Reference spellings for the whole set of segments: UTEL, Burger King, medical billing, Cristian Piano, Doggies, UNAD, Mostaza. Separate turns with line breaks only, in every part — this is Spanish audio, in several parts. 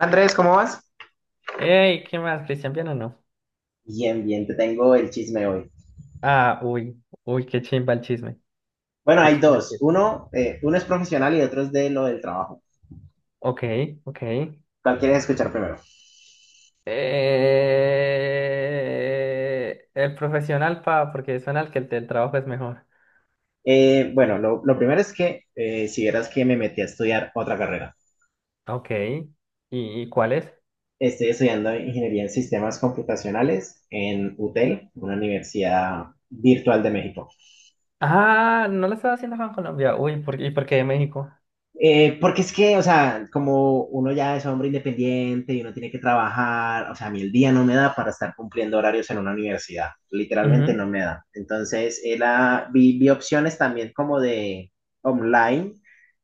Andrés, ¿cómo vas?
Ey, ¿qué más? ¿Cristian Piano no?
Bien, bien, te tengo el chisme hoy.
Ah, uy, uy, qué chimba el chisme.
Bueno,
Qué
hay
chimba el
dos.
chisme.
Uno, uno es profesional y otro es de lo del trabajo.
Ok, ok.
¿Cuál quieres escuchar primero?
El profesional, pa, porque suena al que el del trabajo es mejor.
Bueno, lo primero es que si vieras que me metí a estudiar otra carrera.
Ok. ¿Y cuál es?
Estoy estudiando ingeniería en sistemas computacionales en UTEL, una universidad virtual de México.
Ah, no lo estaba haciendo acá en Colombia. Uy, ¿y por qué de México?
Porque es que, o sea, como uno ya es hombre independiente y uno tiene que trabajar, o sea, a mí el día no me da para estar cumpliendo horarios en una universidad, literalmente
Ujú,
no me da. Entonces, era, vi opciones también como de online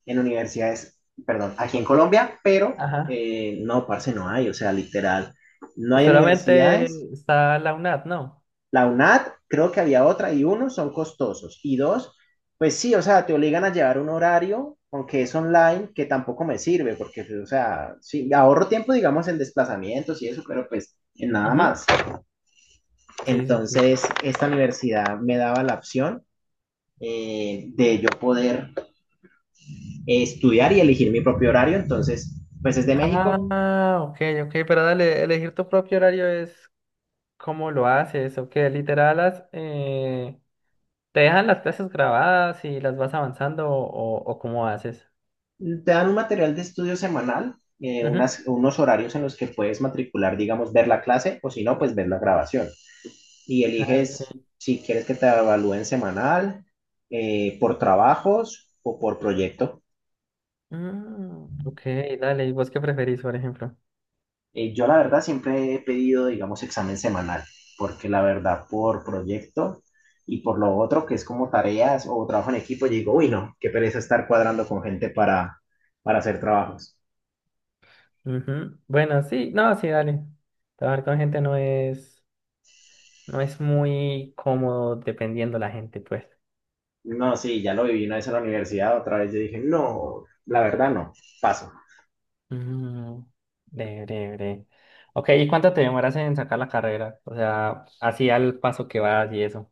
en universidades, perdón, aquí en Colombia, pero
ajá.
no, parce, no hay, o sea, literal, no hay universidades
Solamente está la UNAD, ¿no?
la UNAD, creo que había otra, y uno, son costosos. Y dos, pues sí, o sea, te obligan a llevar un horario, aunque es online, que tampoco me sirve, porque, o sea, sí, ahorro tiempo, digamos, en desplazamientos y eso, pero pues en nada
Ujú,
más.
sí, sí, sí.
Entonces, esta universidad me daba la opción de yo poder estudiar y elegir mi propio horario. Entonces, pues desde México
Ah, ok, ok, pero dale, elegir tu propio horario es. ¿Cómo lo haces? ¿O qué? Literal, ¿te dejan las clases grabadas y las vas avanzando o cómo haces?
te dan un material de estudio semanal,
Ujú.
unos horarios en los que puedes matricular, digamos, ver la clase o si no, pues ver la grabación. Y
Ah, ok.
eliges si quieres que te evalúen semanal, por trabajos o por proyecto.
Mm, ok, dale. ¿Y vos qué preferís, por ejemplo?
Yo la verdad siempre he pedido, digamos, examen semanal, porque la verdad por proyecto y por lo otro que es como tareas o trabajo en equipo, yo digo, uy, no, qué pereza estar cuadrando con gente para hacer trabajos.
Ujú. Bueno, sí, no, sí, dale. Trabajar con gente no es muy cómodo dependiendo la gente, pues.
No, sí, ya lo viví una vez en la universidad, otra vez yo dije, no, la verdad no, paso.
Mm, breve, breve, breve. Ok, ¿y cuánto te demoras en sacar la carrera? O sea, así al paso que vas y eso.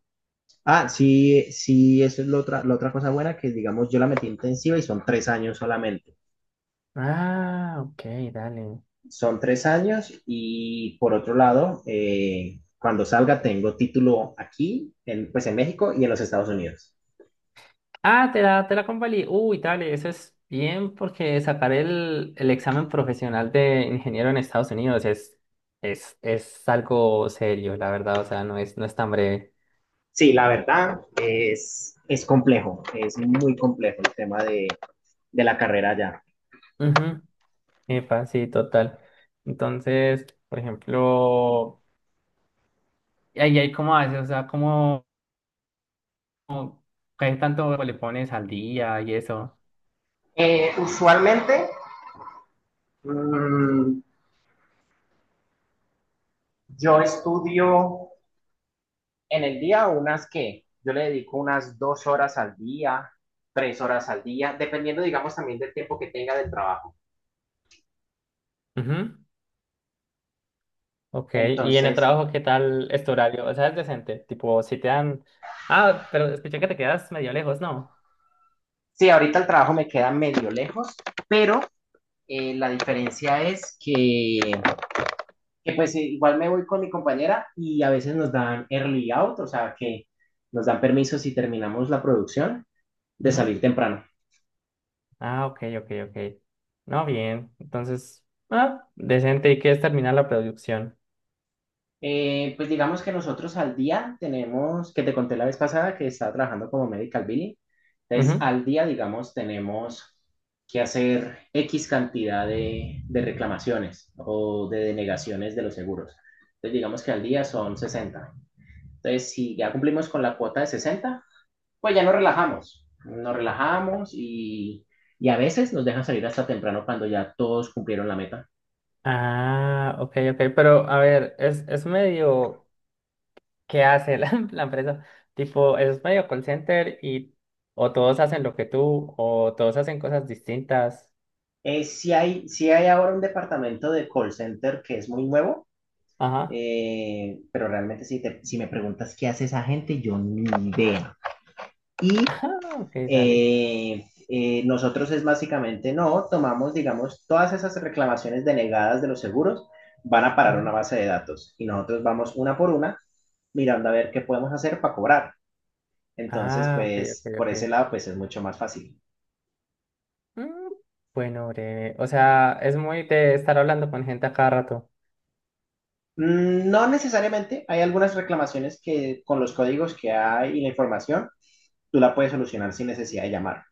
Ah, sí, sí, eso es la otra cosa buena que, digamos, yo la metí intensiva y son tres años solamente.
Ah, ok, dale.
Son tres años y por otro lado, cuando salga tengo título aquí, en, pues en México y en los Estados Unidos.
Ah, te la convalí. Uy, dale, eso es bien porque sacar el examen profesional de ingeniero en Estados Unidos es algo serio, la verdad. O sea, no es tan breve.
Sí, la verdad es complejo, es muy complejo el tema de la carrera allá.
Ujú. Epa, sí, total. Entonces, por ejemplo, ¿y ahí cómo haces? O sea, ¿qué tanto le pones al día y eso?
Usualmente mm, yo estudio en el día unas que yo le dedico unas dos horas al día, tres horas al día, dependiendo, digamos, también del tiempo que tenga del trabajo.
Ujú. Ok, y en el
Entonces,
trabajo, ¿qué tal es tu horario? O sea, es decente. Tipo, si te dan. Ah, pero escuché que te quedas medio lejos, ¿no?
sí, ahorita el trabajo me queda medio lejos, pero la diferencia es que, pues igual me voy con mi compañera y a veces nos dan early out, o sea que nos dan permiso si terminamos la producción de salir temprano.
Ah, ok, ok, ok. No, bien. Entonces, decente. ¿Y qué es terminar la producción?
Pues digamos que nosotros al día tenemos, que te conté la vez pasada que estaba trabajando como medical billing, entonces
Ujú.
al día, digamos, tenemos que hacer X cantidad de reclamaciones o de denegaciones de los seguros. Entonces digamos que al día son 60. Entonces si ya cumplimos con la cuota de 60, pues ya nos relajamos y a veces nos dejan salir hasta temprano cuando ya todos cumplieron la meta.
Ah, ok, ok. Pero, a ver, es medio. ¿Qué hace la empresa? Tipo, es medio call center o todos hacen lo que tú o todos hacen cosas distintas.
Sí hay, sí hay ahora un departamento de call center que es muy nuevo,
Ajá.
pero realmente si, si me preguntas qué hace esa gente, yo ni idea. Y
Ah, ok, dale.
nosotros es básicamente, no, tomamos, digamos, todas esas reclamaciones denegadas de los seguros van a parar
Ujú.
una base de datos y nosotros vamos una por una mirando a ver qué podemos hacer para cobrar. Entonces,
Ah, ok, ok,
pues por ese
ok.
lado, pues es mucho más fácil.
Mm, bueno, breve. O sea, es muy de estar hablando con gente a cada rato.
Mm, no necesariamente, hay algunas reclamaciones que con los códigos que hay y la información, tú la puedes solucionar sin necesidad de llamar.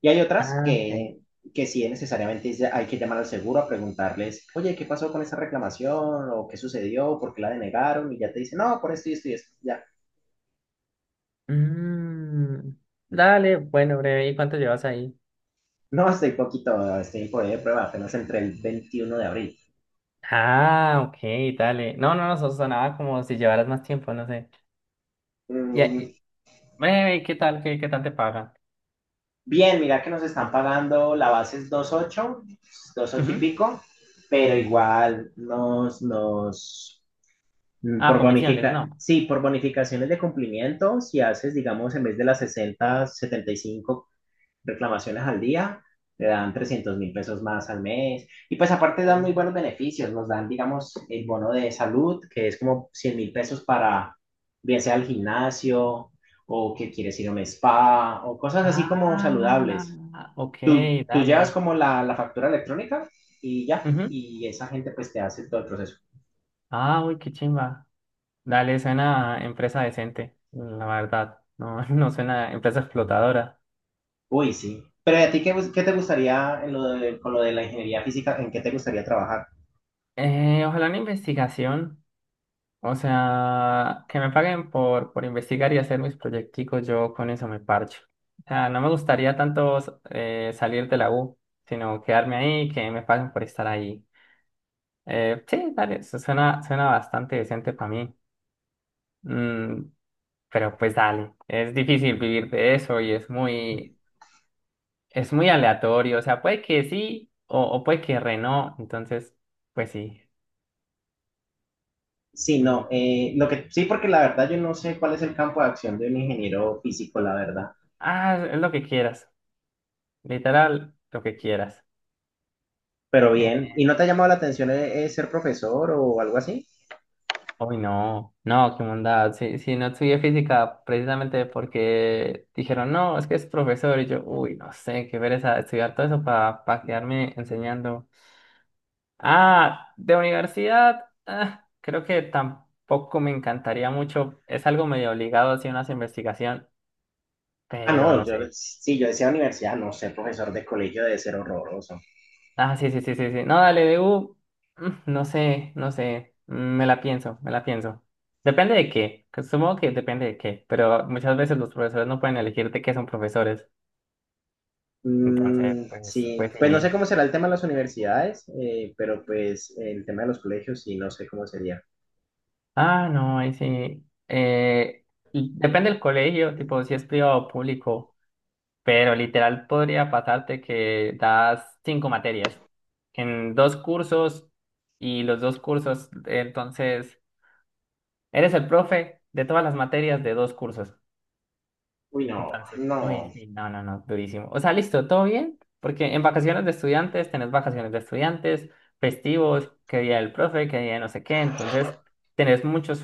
Y hay otras
Ah, ok.
que sí necesariamente hay que llamar al seguro a preguntarles, oye, ¿qué pasó con esa reclamación? ¿O qué sucedió? ¿Por qué la denegaron? Y ya te dicen, no, por esto y esto y esto. Ya.
Mm, dale, bueno, breve, ¿y cuánto llevas ahí?
No, estoy poquito, estoy en poder de prueba, apenas entre el 21 de abril.
Ah, ok, dale. No, no, no, eso sonaba como si llevaras más tiempo, no sé. Ya,
Mm,
breve, ¿qué tal? ¿Qué tal te pagan?
bien, mira que nos están pagando, la base es 2.8, ocho y
Ujú.
pico, pero igual nos, nos, mm,
Ah,
por
comisiones, no.
sí, por bonificaciones de cumplimiento, si haces, digamos, en vez de las 60 75 reclamaciones al día, te dan 300.000 pesos más al mes. Y pues aparte dan
Oh.
muy buenos beneficios, nos dan, digamos, el bono de salud, que es como 100.000 pesos para, bien sea al gimnasio o que quieres ir a un spa o cosas así como
Ah,
saludables.
ok,
Tú llevas
dale.
como la factura electrónica y ya,
Ujú.
y esa gente pues te hace todo el proceso.
Ah, uy, qué chimba. Dale, suena a empresa decente, la verdad. No, no suena a empresa explotadora.
Uy, sí. Pero ¿y a ti qué, qué te gustaría en lo con lo de la ingeniería física, en qué te gustaría trabajar?
Ojalá una investigación. O sea, que me paguen por investigar y hacer mis proyecticos, yo con eso me parcho. O sea, no me gustaría tanto salir de la U, sino quedarme ahí, que me paguen por estar ahí. Sí, dale, eso suena bastante decente para mí. Mm, pero pues dale, es difícil vivir de eso y es muy aleatorio. O sea, puede que sí o puede que re no. Entonces, pues sí.
Sí, no,
Y-
lo que, sí, porque la verdad yo no sé cuál es el campo de acción de un ingeniero físico, la verdad.
es lo que quieras. Literal, lo que quieras.
Pero bien, ¿y no te ha llamado la atención ser profesor o algo así?
Uy, no, no, qué mundad. Sí, sí, no estudié física precisamente porque dijeron, no, es que es profesor. Y yo, uy, no sé, qué pereza estudiar todo eso para quedarme enseñando. Ah, de universidad, creo que tampoco me encantaría mucho. Es algo medio obligado hacia una investigación,
Ah,
pero
no,
no
yo
sé.
sí, yo decía universidad, no, ser profesor de colegio debe ser horroroso.
Ah, sí, sí, sí, sí, sí. No, dale, DU. No sé, no sé. Me la pienso, me la pienso. Depende de qué. Que Supongo que depende de qué. Pero muchas veces los profesores no pueden elegir de qué son profesores. Entonces,
Mm,
pues,
sí,
pues
pues no sé
sí.
cómo será el tema de las universidades, pero pues el tema de los colegios sí, no sé cómo sería.
Ah, no, ahí sí. Y depende del colegio, tipo, si es privado o público. Pero literal podría pasarte que das cinco materias en dos cursos y los dos cursos, entonces. Eres el profe de todas las materias de dos cursos.
Uy, no,
Entonces, uy,
no,
sí, no, no, no, durísimo. O sea, listo, todo bien, porque en vacaciones de estudiantes tenés vacaciones de estudiantes, festivos, qué día del profe, qué día de no sé qué. Entonces, tenés muchos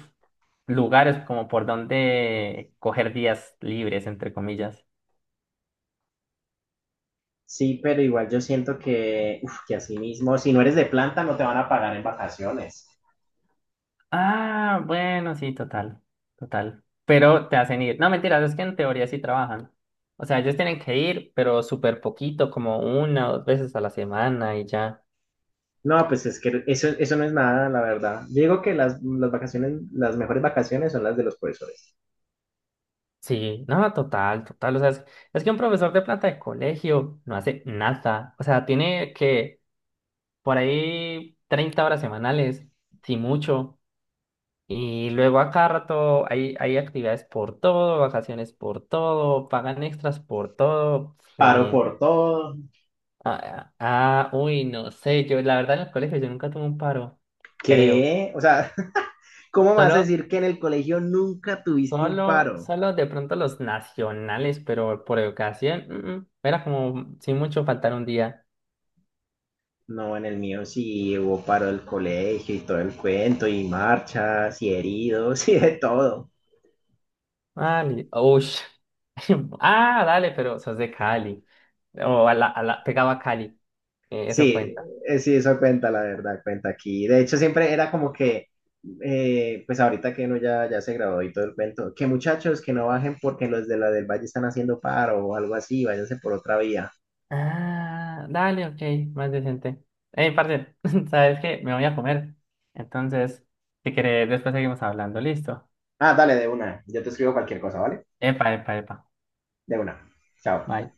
lugares como por donde coger días libres, entre comillas.
sí, pero igual yo siento que, uf, que así mismo, si no eres de planta, no te van a pagar en vacaciones.
Ah, bueno, sí, total, total. Pero te hacen ir. No, mentiras, es que en teoría sí trabajan. O sea, ellos tienen que ir, pero súper poquito, como una o dos veces a la semana y ya.
No, pues es que eso no es nada, la verdad. Yo digo que las vacaciones, las mejores vacaciones son las de los profesores.
Sí, no, total, total. O sea, es que un profesor de planta de colegio no hace nada. O sea, tiene que por ahí 30 horas semanales, si mucho. Y luego a cada rato hay actividades por todo, vacaciones por todo, pagan extras por todo. Re
Paro
bien.
por todo.
Uy, no sé. Yo, la verdad, en el colegio yo nunca tuve un paro, creo.
¿Qué? O sea, ¿cómo vas a
Solo,
decir que en el colegio nunca tuviste un
solo,
paro?
solo de pronto los nacionales, pero por educación, era como sin mucho faltar un día.
No, en el mío sí hubo paro del colegio y todo el cuento, y marchas, y heridos, y de todo.
Ah, ush. Ah, dale, pero sos de Cali. O a la, pegaba a Cali. Eso
Sí,
cuenta.
sí, eso cuenta, la verdad, cuenta aquí. De hecho, siempre era como que, pues ahorita que uno ya, ya se graduó y todo el cuento, que muchachos que no bajen porque los de la del Valle están haciendo paro o algo así, váyanse por otra vía.
Ah, dale, ok, más decente. Hey, parce, ¿sabes qué? Me voy a comer. Entonces, si querés, después seguimos hablando. Listo.
Ah, dale, de una. Yo te escribo cualquier cosa, ¿vale?
Epa, epa, epa.
De una. Chao.
Bye.